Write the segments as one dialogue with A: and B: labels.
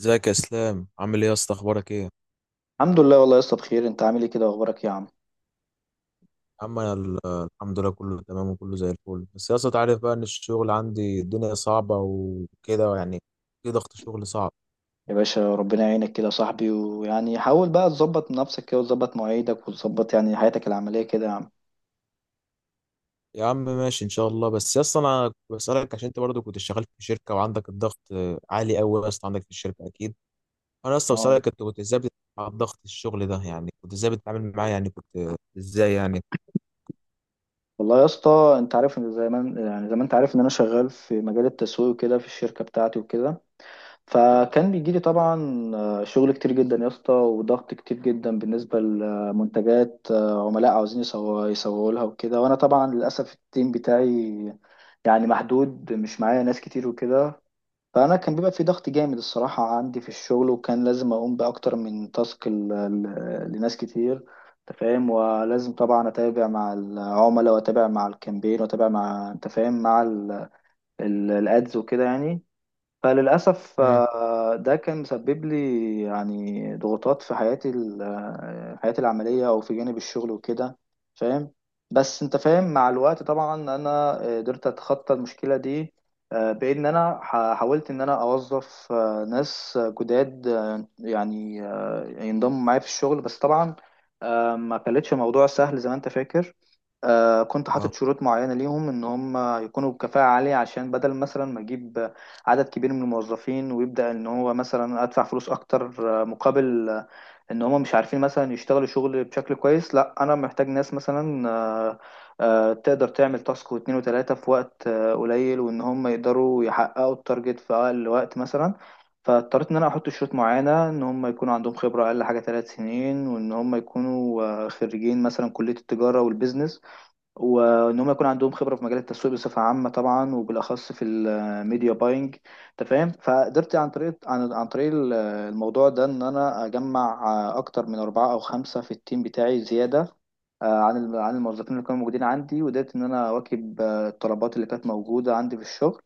A: ازيك يا اسلام؟ عامل ايه يا اسطى؟ اخبارك ايه يا
B: الحمد لله والله يا اسطى، بخير. انت عامل ايه كده واخبارك يا عم؟
A: عم؟ الحمد لله، كله تمام وكله زي الفل. بس يا اسطى، تعرف بقى ان الشغل عندي الدنيا صعبه وكده يعني، في ضغط شغل صعب.
B: يا باشا، ربنا يعينك كده يا صاحبي، ويعني حاول بقى تظبط نفسك كده، وتظبط مواعيدك، وتظبط يعني حياتك العمليه كده يا عم.
A: يا عم ماشي ان شاء الله. بس يا اسطى، انا كنت بسالك عشان انت برضه كنت شغال في شركه وعندك الضغط عالي قوي يا اسطى عندك في الشركه اكيد. انا يا اسطى
B: اه،
A: بسالك، انت كنت ازاي بتتعامل مع ضغط الشغل ده؟ يعني كنت ازاي بتتعامل معاه؟ يعني كنت ازاي يعني؟
B: والله يا اسطى، انت عارف ان زي ما انت عارف ان انا شغال في مجال التسويق وكده في الشركه بتاعتي وكده. فكان بيجي لي طبعا شغل كتير جدا يا اسطى، وضغط كتير جدا بالنسبه لمنتجات، عملاء عاوزين يسوقوا لها وكده. وانا طبعا للاسف التيم بتاعي يعني محدود، مش معايا ناس كتير وكده. فأنا كان بيبقى في ضغط جامد الصراحة عندي في الشغل، وكان لازم أقوم بأكتر من تاسك لناس كتير. أنت فاهم، ولازم طبعا أتابع مع العملاء، وأتابع مع الكامبين، وأتابع مع أنت فاهم مع الأدز وكده يعني. فللأسف
A: مم.
B: ده كان مسبب لي يعني ضغوطات في حياتي ال- آه، حياتي العملية، أو في جانب الشغل وكده. فاهم. بس أنت فاهم، مع الوقت طبعا أنا قدرت أتخطى المشكلة دي، بإن أنا حاولت إن أنا أوظف ناس جداد، يعني ينضموا معايا في الشغل. بس طبعا ما كانتش موضوع سهل زي ما أنت فاكر. كنت
A: اه.
B: حاطط شروط معينة ليهم إن هم يكونوا بكفاءة عالية، عشان بدل مثلا ما أجيب عدد كبير من الموظفين ويبدأ ان هو مثلا ادفع فلوس اكتر مقابل، ان هم مش عارفين مثلا يشتغلوا شغل بشكل كويس. لا، انا محتاج ناس مثلا تقدر تعمل تاسك واتنين وتلاتة في وقت قليل، وان هم يقدروا يحققوا التارجت في اقل وقت مثلا. فاضطريت ان انا احط شروط معينة ان هم يكونوا عندهم خبرة اقل حاجة 3 سنين، وان هم يكونوا خريجين مثلا كلية التجارة والبيزنس، وان هم يكون عندهم خبره في مجال التسويق بصفه عامه طبعا، وبالاخص في الميديا باينج. انت فاهم، فقدرت عن طريق الموضوع ده ان انا اجمع اكتر من 4 او 5 في التيم بتاعي زياده عن الموظفين اللي كانوا موجودين عندي، وقدرت ان انا اواكب الطلبات اللي كانت موجوده عندي في الشغل.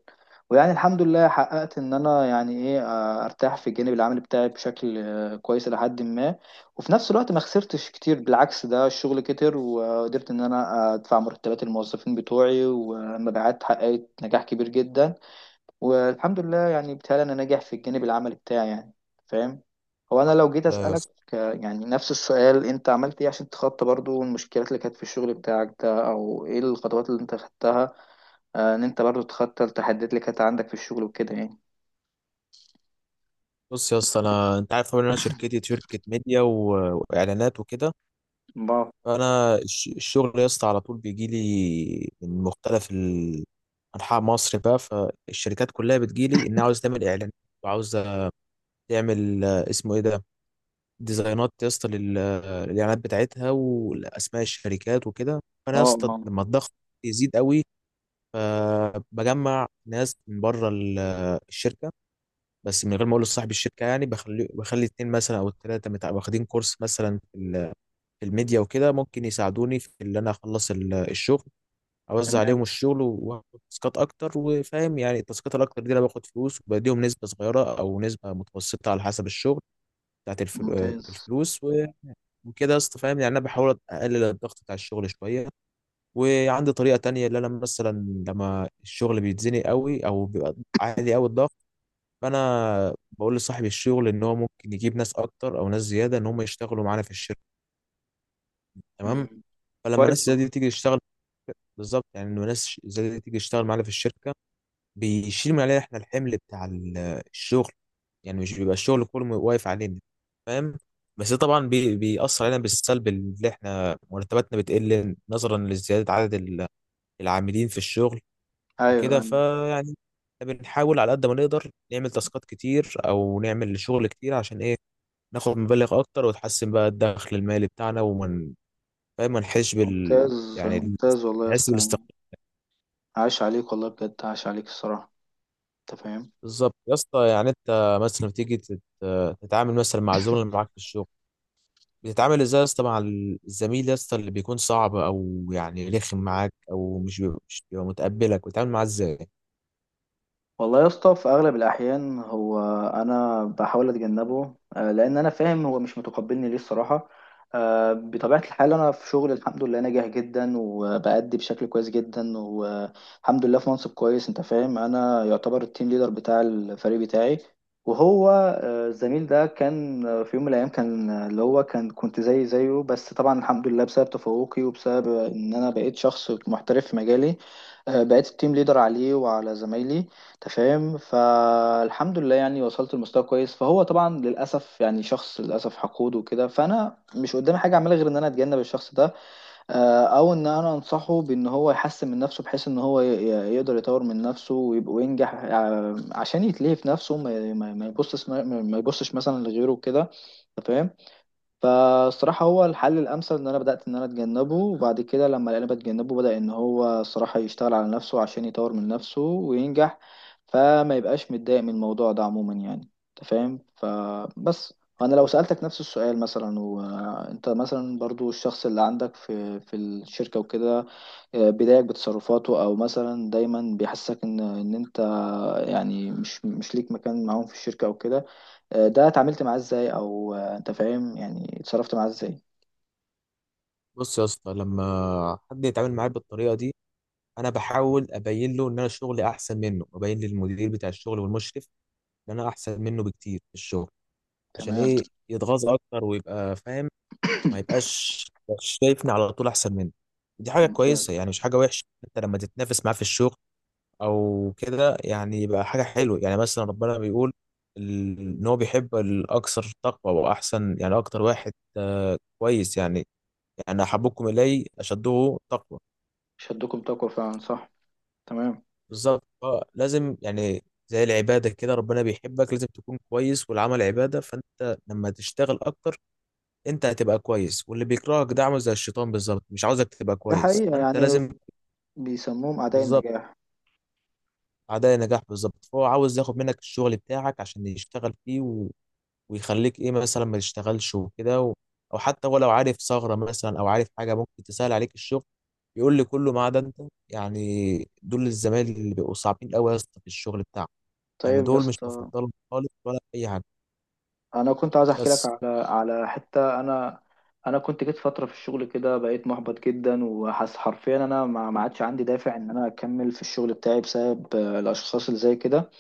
B: ويعني الحمد لله حققت ان انا يعني ايه ارتاح في الجانب العملي بتاعي بشكل كويس الى حد ما. وفي نفس الوقت ما خسرتش كتير، بالعكس ده الشغل كتر، وقدرت ان انا ادفع مرتبات الموظفين بتوعي، والمبيعات حققت نجاح كبير جدا، والحمد لله يعني بتهيألي انا ناجح في الجانب العملي بتاعي يعني. فاهم. هو انا لو جيت
A: لا يا
B: اسألك
A: اسطى.
B: يعني نفس السؤال، انت عملت ايه عشان تتخطى برضو المشكلات اللي كانت في الشغل بتاعك ده؟ او ايه الخطوات اللي انت خدتها ان انت برضو تتخطى التحديات اللي كانت عندك في الشغل وكده يعني؟
A: بص يا اسطى، انا انت عارف طبعا ان انا شركتي شركه ميديا و... واعلانات وكده.
B: الله.
A: الشغل يا اسطى على طول بيجي لي من مختلف انحاء مصر بقى. فالشركات كلها بتجي لي انها عاوز تعمل اعلان وعاوزه تعمل اسمه ايه ده، ديزاينات يا اسطى للاعلانات بتاعتها والاسماء الشركات وكده. فانا
B: اه.
A: يا اسطى
B: آه.
A: لما الضغط يزيد قوي، فبجمع ناس من بره الشركه، بس من غير ما اقول لصاحب الشركه. يعني بخلي اتنين مثلا او التلاته واخدين كورس مثلا الميديا وكده، ممكن يساعدوني في اللي انا اخلص الشغل، اوزع عليهم
B: تمام.
A: الشغل واخد تاسكات اكتر. وفاهم يعني التاسكات الاكتر دي انا باخد فلوس وبديهم نسبه صغيره او نسبه متوسطه على حسب الشغل بتاعت
B: ممتاز.
A: الفلوس و- وكده يا اسطى. فاهم يعني انا بحاول اقلل الضغط بتاع الشغل شويه. وعندي طريقه تانية، اللي انا مثلا لما الشغل بيتزنق قوي او بيبقى عالي قوي الضغط، فانا بقول لصاحب الشغل ان هو ممكن يجيب ناس اكتر او ناس زياده ان هم يشتغلوا معانا في الشركه. تمام.
B: مم.
A: فلما
B: كويس
A: الناس
B: والله.
A: دي تيجي تشتغل، بالظبط يعني، انه ناس زي دي تيجي تشتغل معانا في الشركه بيشيل من علينا احنا الحمل بتاع الشغل، يعني مش بيبقى الشغل كله واقف علينا. فاهم. بس ده طبعا بيأثر علينا بالسلب، اللي احنا مرتباتنا بتقل نظرا لزياده عدد العاملين في الشغل
B: ايوه،
A: وكده.
B: أيوة.
A: فيعني إحنا بنحاول على قد ما نقدر نعمل تاسكات كتير او نعمل شغل كتير، عشان ايه؟ ناخد مبالغ اكتر وتحسن بقى الدخل المالي بتاعنا، ومن فاهم ما نحسش بال
B: ممتاز،
A: يعني،
B: ممتاز والله يا
A: نحس
B: اسطى يعني.
A: بالاستقرار.
B: عاش عليك والله بجد، عاش عليك الصراحة. انت فاهم.
A: بالظبط يا اسطى. يعني انت مثلا بتيجي تتعامل مثلا مع الزملاء اللي معاك في الشغل، بتتعامل ازاي يا اسطى مع الزميل يا اسطى اللي بيكون صعب او يعني رخم معاك او مش بيبقى متقبلك، بتتعامل معاه ازاي؟
B: والله يا اسطى في اغلب الاحيان هو انا بحاول اتجنبه، لان انا فاهم هو مش متقبلني ليه الصراحه. بطبيعه الحال انا في شغل الحمد لله ناجح جدا، وبأدي بشكل كويس جدا والحمد لله، في منصب كويس. انت فاهم، انا يعتبر التيم ليدر بتاع الفريق بتاعي. وهو الزميل ده كان في يوم من الايام كان اللي هو كان كنت زي زيه، بس طبعا الحمد لله بسبب تفوقي وبسبب ان انا بقيت شخص محترف في مجالي بقيت التيم ليدر عليه وعلى زمايلي. انت فاهم، فالحمد لله يعني وصلت لمستوى كويس. فهو طبعا للاسف يعني شخص للاسف حقود وكده، فانا مش قدامي حاجه اعملها غير ان انا اتجنب الشخص ده، او ان انا انصحه بان هو يحسن من نفسه بحيث ان هو يقدر يطور من نفسه ويبقى وينجح، عشان يتلهي في نفسه ما يبصش مثلا لغيره وكده. انت فاهم، فالصراحة هو الحل الأمثل إن أنا بدأت إن أنا أتجنبه، وبعد كده لما لقينا بتجنبه بدأ إن هو الصراحة يشتغل على نفسه عشان يطور من نفسه وينجح، فما يبقاش متضايق من الموضوع ده عموما يعني. أنت فاهم، فبس أنا لو سألتك نفس السؤال مثلا، وأنت مثلا برضو الشخص اللي عندك في الشركة وكده بيضايقك بتصرفاته، او مثلا دايما بيحسسك ان انت يعني مش ليك مكان معاهم في الشركه او كده، ده اتعاملت معاه ازاي؟ او انت فاهم يعني اتصرفت معاه ازاي؟
A: بص يا اسطى، لما حد يتعامل معايا بالطريقه دي، انا بحاول ابين له ان انا شغلي احسن منه، وابين للمدير بتاع الشغل والمشرف ان انا احسن منه بكتير في الشغل. عشان
B: تمام.
A: ايه؟ يتغاظ اكتر ويبقى فاهم، ما يبقاش يبقاش شايفني على طول احسن منه. دي حاجه كويسه،
B: ممتاز.
A: يعني مش حاجه وحشه. انت لما تتنافس معاه في الشغل او كده، يعني يبقى حاجه حلوه. يعني مثلا ربنا بيقول ان هو بيحب الاكثر تقوى واحسن. يعني اكتر واحد كويس يعني، يعني احبكم الي اشده تقوى.
B: شدكم تقوى، فعلا صح. تمام.
A: بالظبط لازم يعني زي العباده كده، ربنا بيحبك لازم تكون كويس، والعمل عباده. فانت لما تشتغل اكتر انت هتبقى كويس. واللي بيكرهك ده عامل زي الشيطان بالظبط، مش عاوزك تبقى
B: ده
A: كويس.
B: حقيقه
A: فانت
B: يعني،
A: لازم
B: بيسموهم اعداء
A: بالظبط،
B: النجاح.
A: اعداء نجاح بالظبط. فهو عاوز ياخد منك الشغل بتاعك عشان يشتغل فيه، و... ويخليك ايه مثلا ما تشتغلش وكده. و... او حتى هو لو عارف ثغرة مثلا او عارف حاجة ممكن تسهل عليك الشغل، يقول لي كله ما عدا انت. يعني دول الزمايل اللي بيبقوا صعبين قوي يا اسطى في الشغل بتاعهم، يعني
B: طيب يا
A: دول مش
B: اسطى،
A: بفضلهم خالص ولا اي حاجة.
B: انا كنت عايز احكي لك
A: بس
B: على حته. انا كنت جيت فتره في الشغل كده بقيت محبط جدا، وحاسس حرفيا انا ما عادش عندي دافع ان انا اكمل في الشغل بتاعي بسبب الاشخاص اللي زي كده.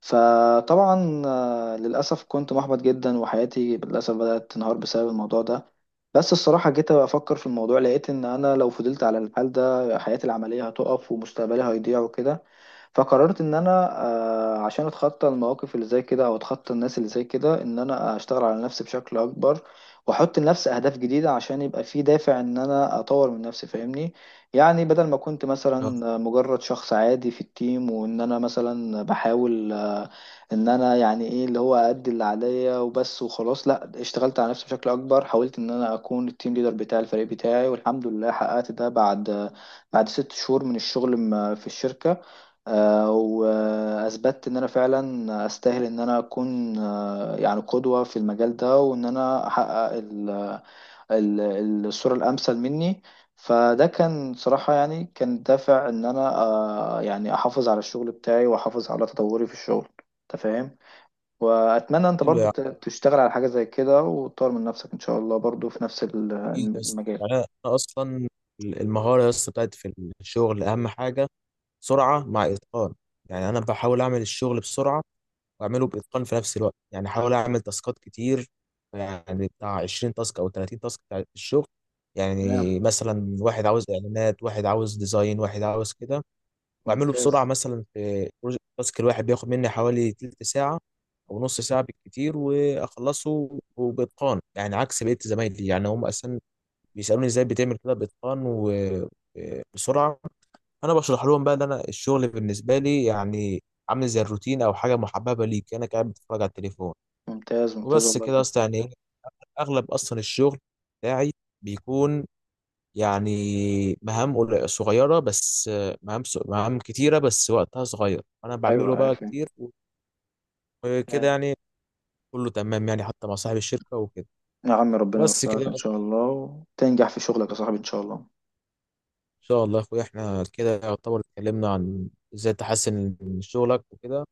B: فطبعا للاسف كنت محبط جدا، وحياتي للاسف بدات تنهار بسبب الموضوع ده. بس الصراحه جيت افكر في الموضوع، لقيت ان انا لو فضلت على الحال ده حياتي العمليه هتقف ومستقبلي هيضيع وكده. فقررت ان انا عشان اتخطى المواقف اللي زي كده، او اتخطى الناس اللي زي كده، ان انا اشتغل على نفسي بشكل اكبر، واحط لنفسي اهداف جديده عشان يبقى في دافع ان انا اطور من نفسي. فاهمني، يعني بدل ما كنت
A: آه،
B: مثلا مجرد شخص عادي في التيم، وان انا مثلا بحاول ان انا يعني ايه اللي هو ادي اللي عليا وبس وخلاص، لا، اشتغلت على نفسي بشكل اكبر، حاولت ان انا اكون التيم ليدر بتاع الفريق بتاعي، والحمد لله حققت ده بعد 6 شهور من الشغل في الشركة. واثبتت ان انا فعلا استاهل ان انا اكون يعني قدوة في المجال ده، وان انا احقق الصورة الامثل مني. فده كان صراحة يعني كان دافع ان انا يعني احافظ على الشغل بتاعي، واحافظ على تطوري في الشغل. انت فاهم، واتمنى انت
A: حلو
B: برضو
A: يعني.
B: تشتغل على حاجة زي كده، وتطور من نفسك ان شاء الله برضو في نفس
A: أكيد يا اسطى.
B: المجال.
A: يعني انا اصلا المهارة يا اسطى بتاعت في الشغل اهم حاجة، سرعة مع اتقان. يعني انا بحاول اعمل الشغل بسرعة واعمله باتقان في نفس الوقت. يعني احاول اعمل تاسكات كتير، يعني بتاع 20 تاسك او 30 تاسك بتاع الشغل.
B: تمام.
A: يعني مثلا واحد عاوز اعلانات، واحد عاوز ديزاين، واحد عاوز كده. واعمله
B: ممتاز،
A: بسرعه. مثلا في بروجكت، التاسك الواحد بياخد مني حوالي تلت ساعه او نص ساعه بالكتير، واخلصه وباتقان، يعني عكس بقيه زمايلي. يعني هم اصلا بيسالوني ازاي بتعمل كده باتقان وبسرعه. انا بشرح لهم بقى ان انا الشغل بالنسبه لي يعني عامل زي الروتين او حاجه محببه ليك، انا قاعد بتفرج على التليفون
B: ممتاز، ممتاز
A: وبس
B: والله
A: كده
B: بجد.
A: اصلا. يعني اغلب اصلا الشغل بتاعي بيكون يعني صغيره، بس مهام كتيره بس وقتها صغير، انا بعمله
B: ايوه، ايوه،
A: بقى
B: فاهم.
A: كتير وكده. يعني كله تمام يعني، حتى مع صاحب الشركه وكده.
B: يا عم ربنا
A: بس
B: يوفقك
A: كده
B: ان شاء
A: اصلا.
B: الله، وتنجح في شغلك يا صاحبي ان شاء الله.
A: ان شاء الله يا اخويا، احنا كده يعتبر اتكلمنا عن ازاي تحسن من شغلك وكده،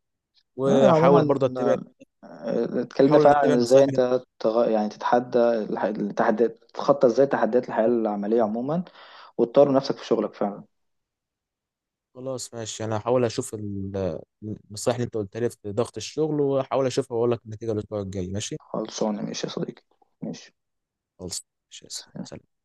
B: عموما
A: وحاول برضه اتبع،
B: اتكلمنا
A: حاول
B: فعلا عن
A: اتبع
B: ازاي
A: نصايح.
B: انت يعني تتحدى التحديات، تتخطى ازاي تحديات الحياة العملية عموما، وتطور نفسك في شغلك فعلا.
A: خلاص ماشي، انا هحاول اشوف النصائح اللي انت قلتها لي في ضغط الشغل واحاول اشوفها واقول لك النتيجه الاسبوع الجاي. ماشي.
B: خلصانه ماشي يا صديقي. ماشي.
A: خلاص ماشي يا اسلام. سلام.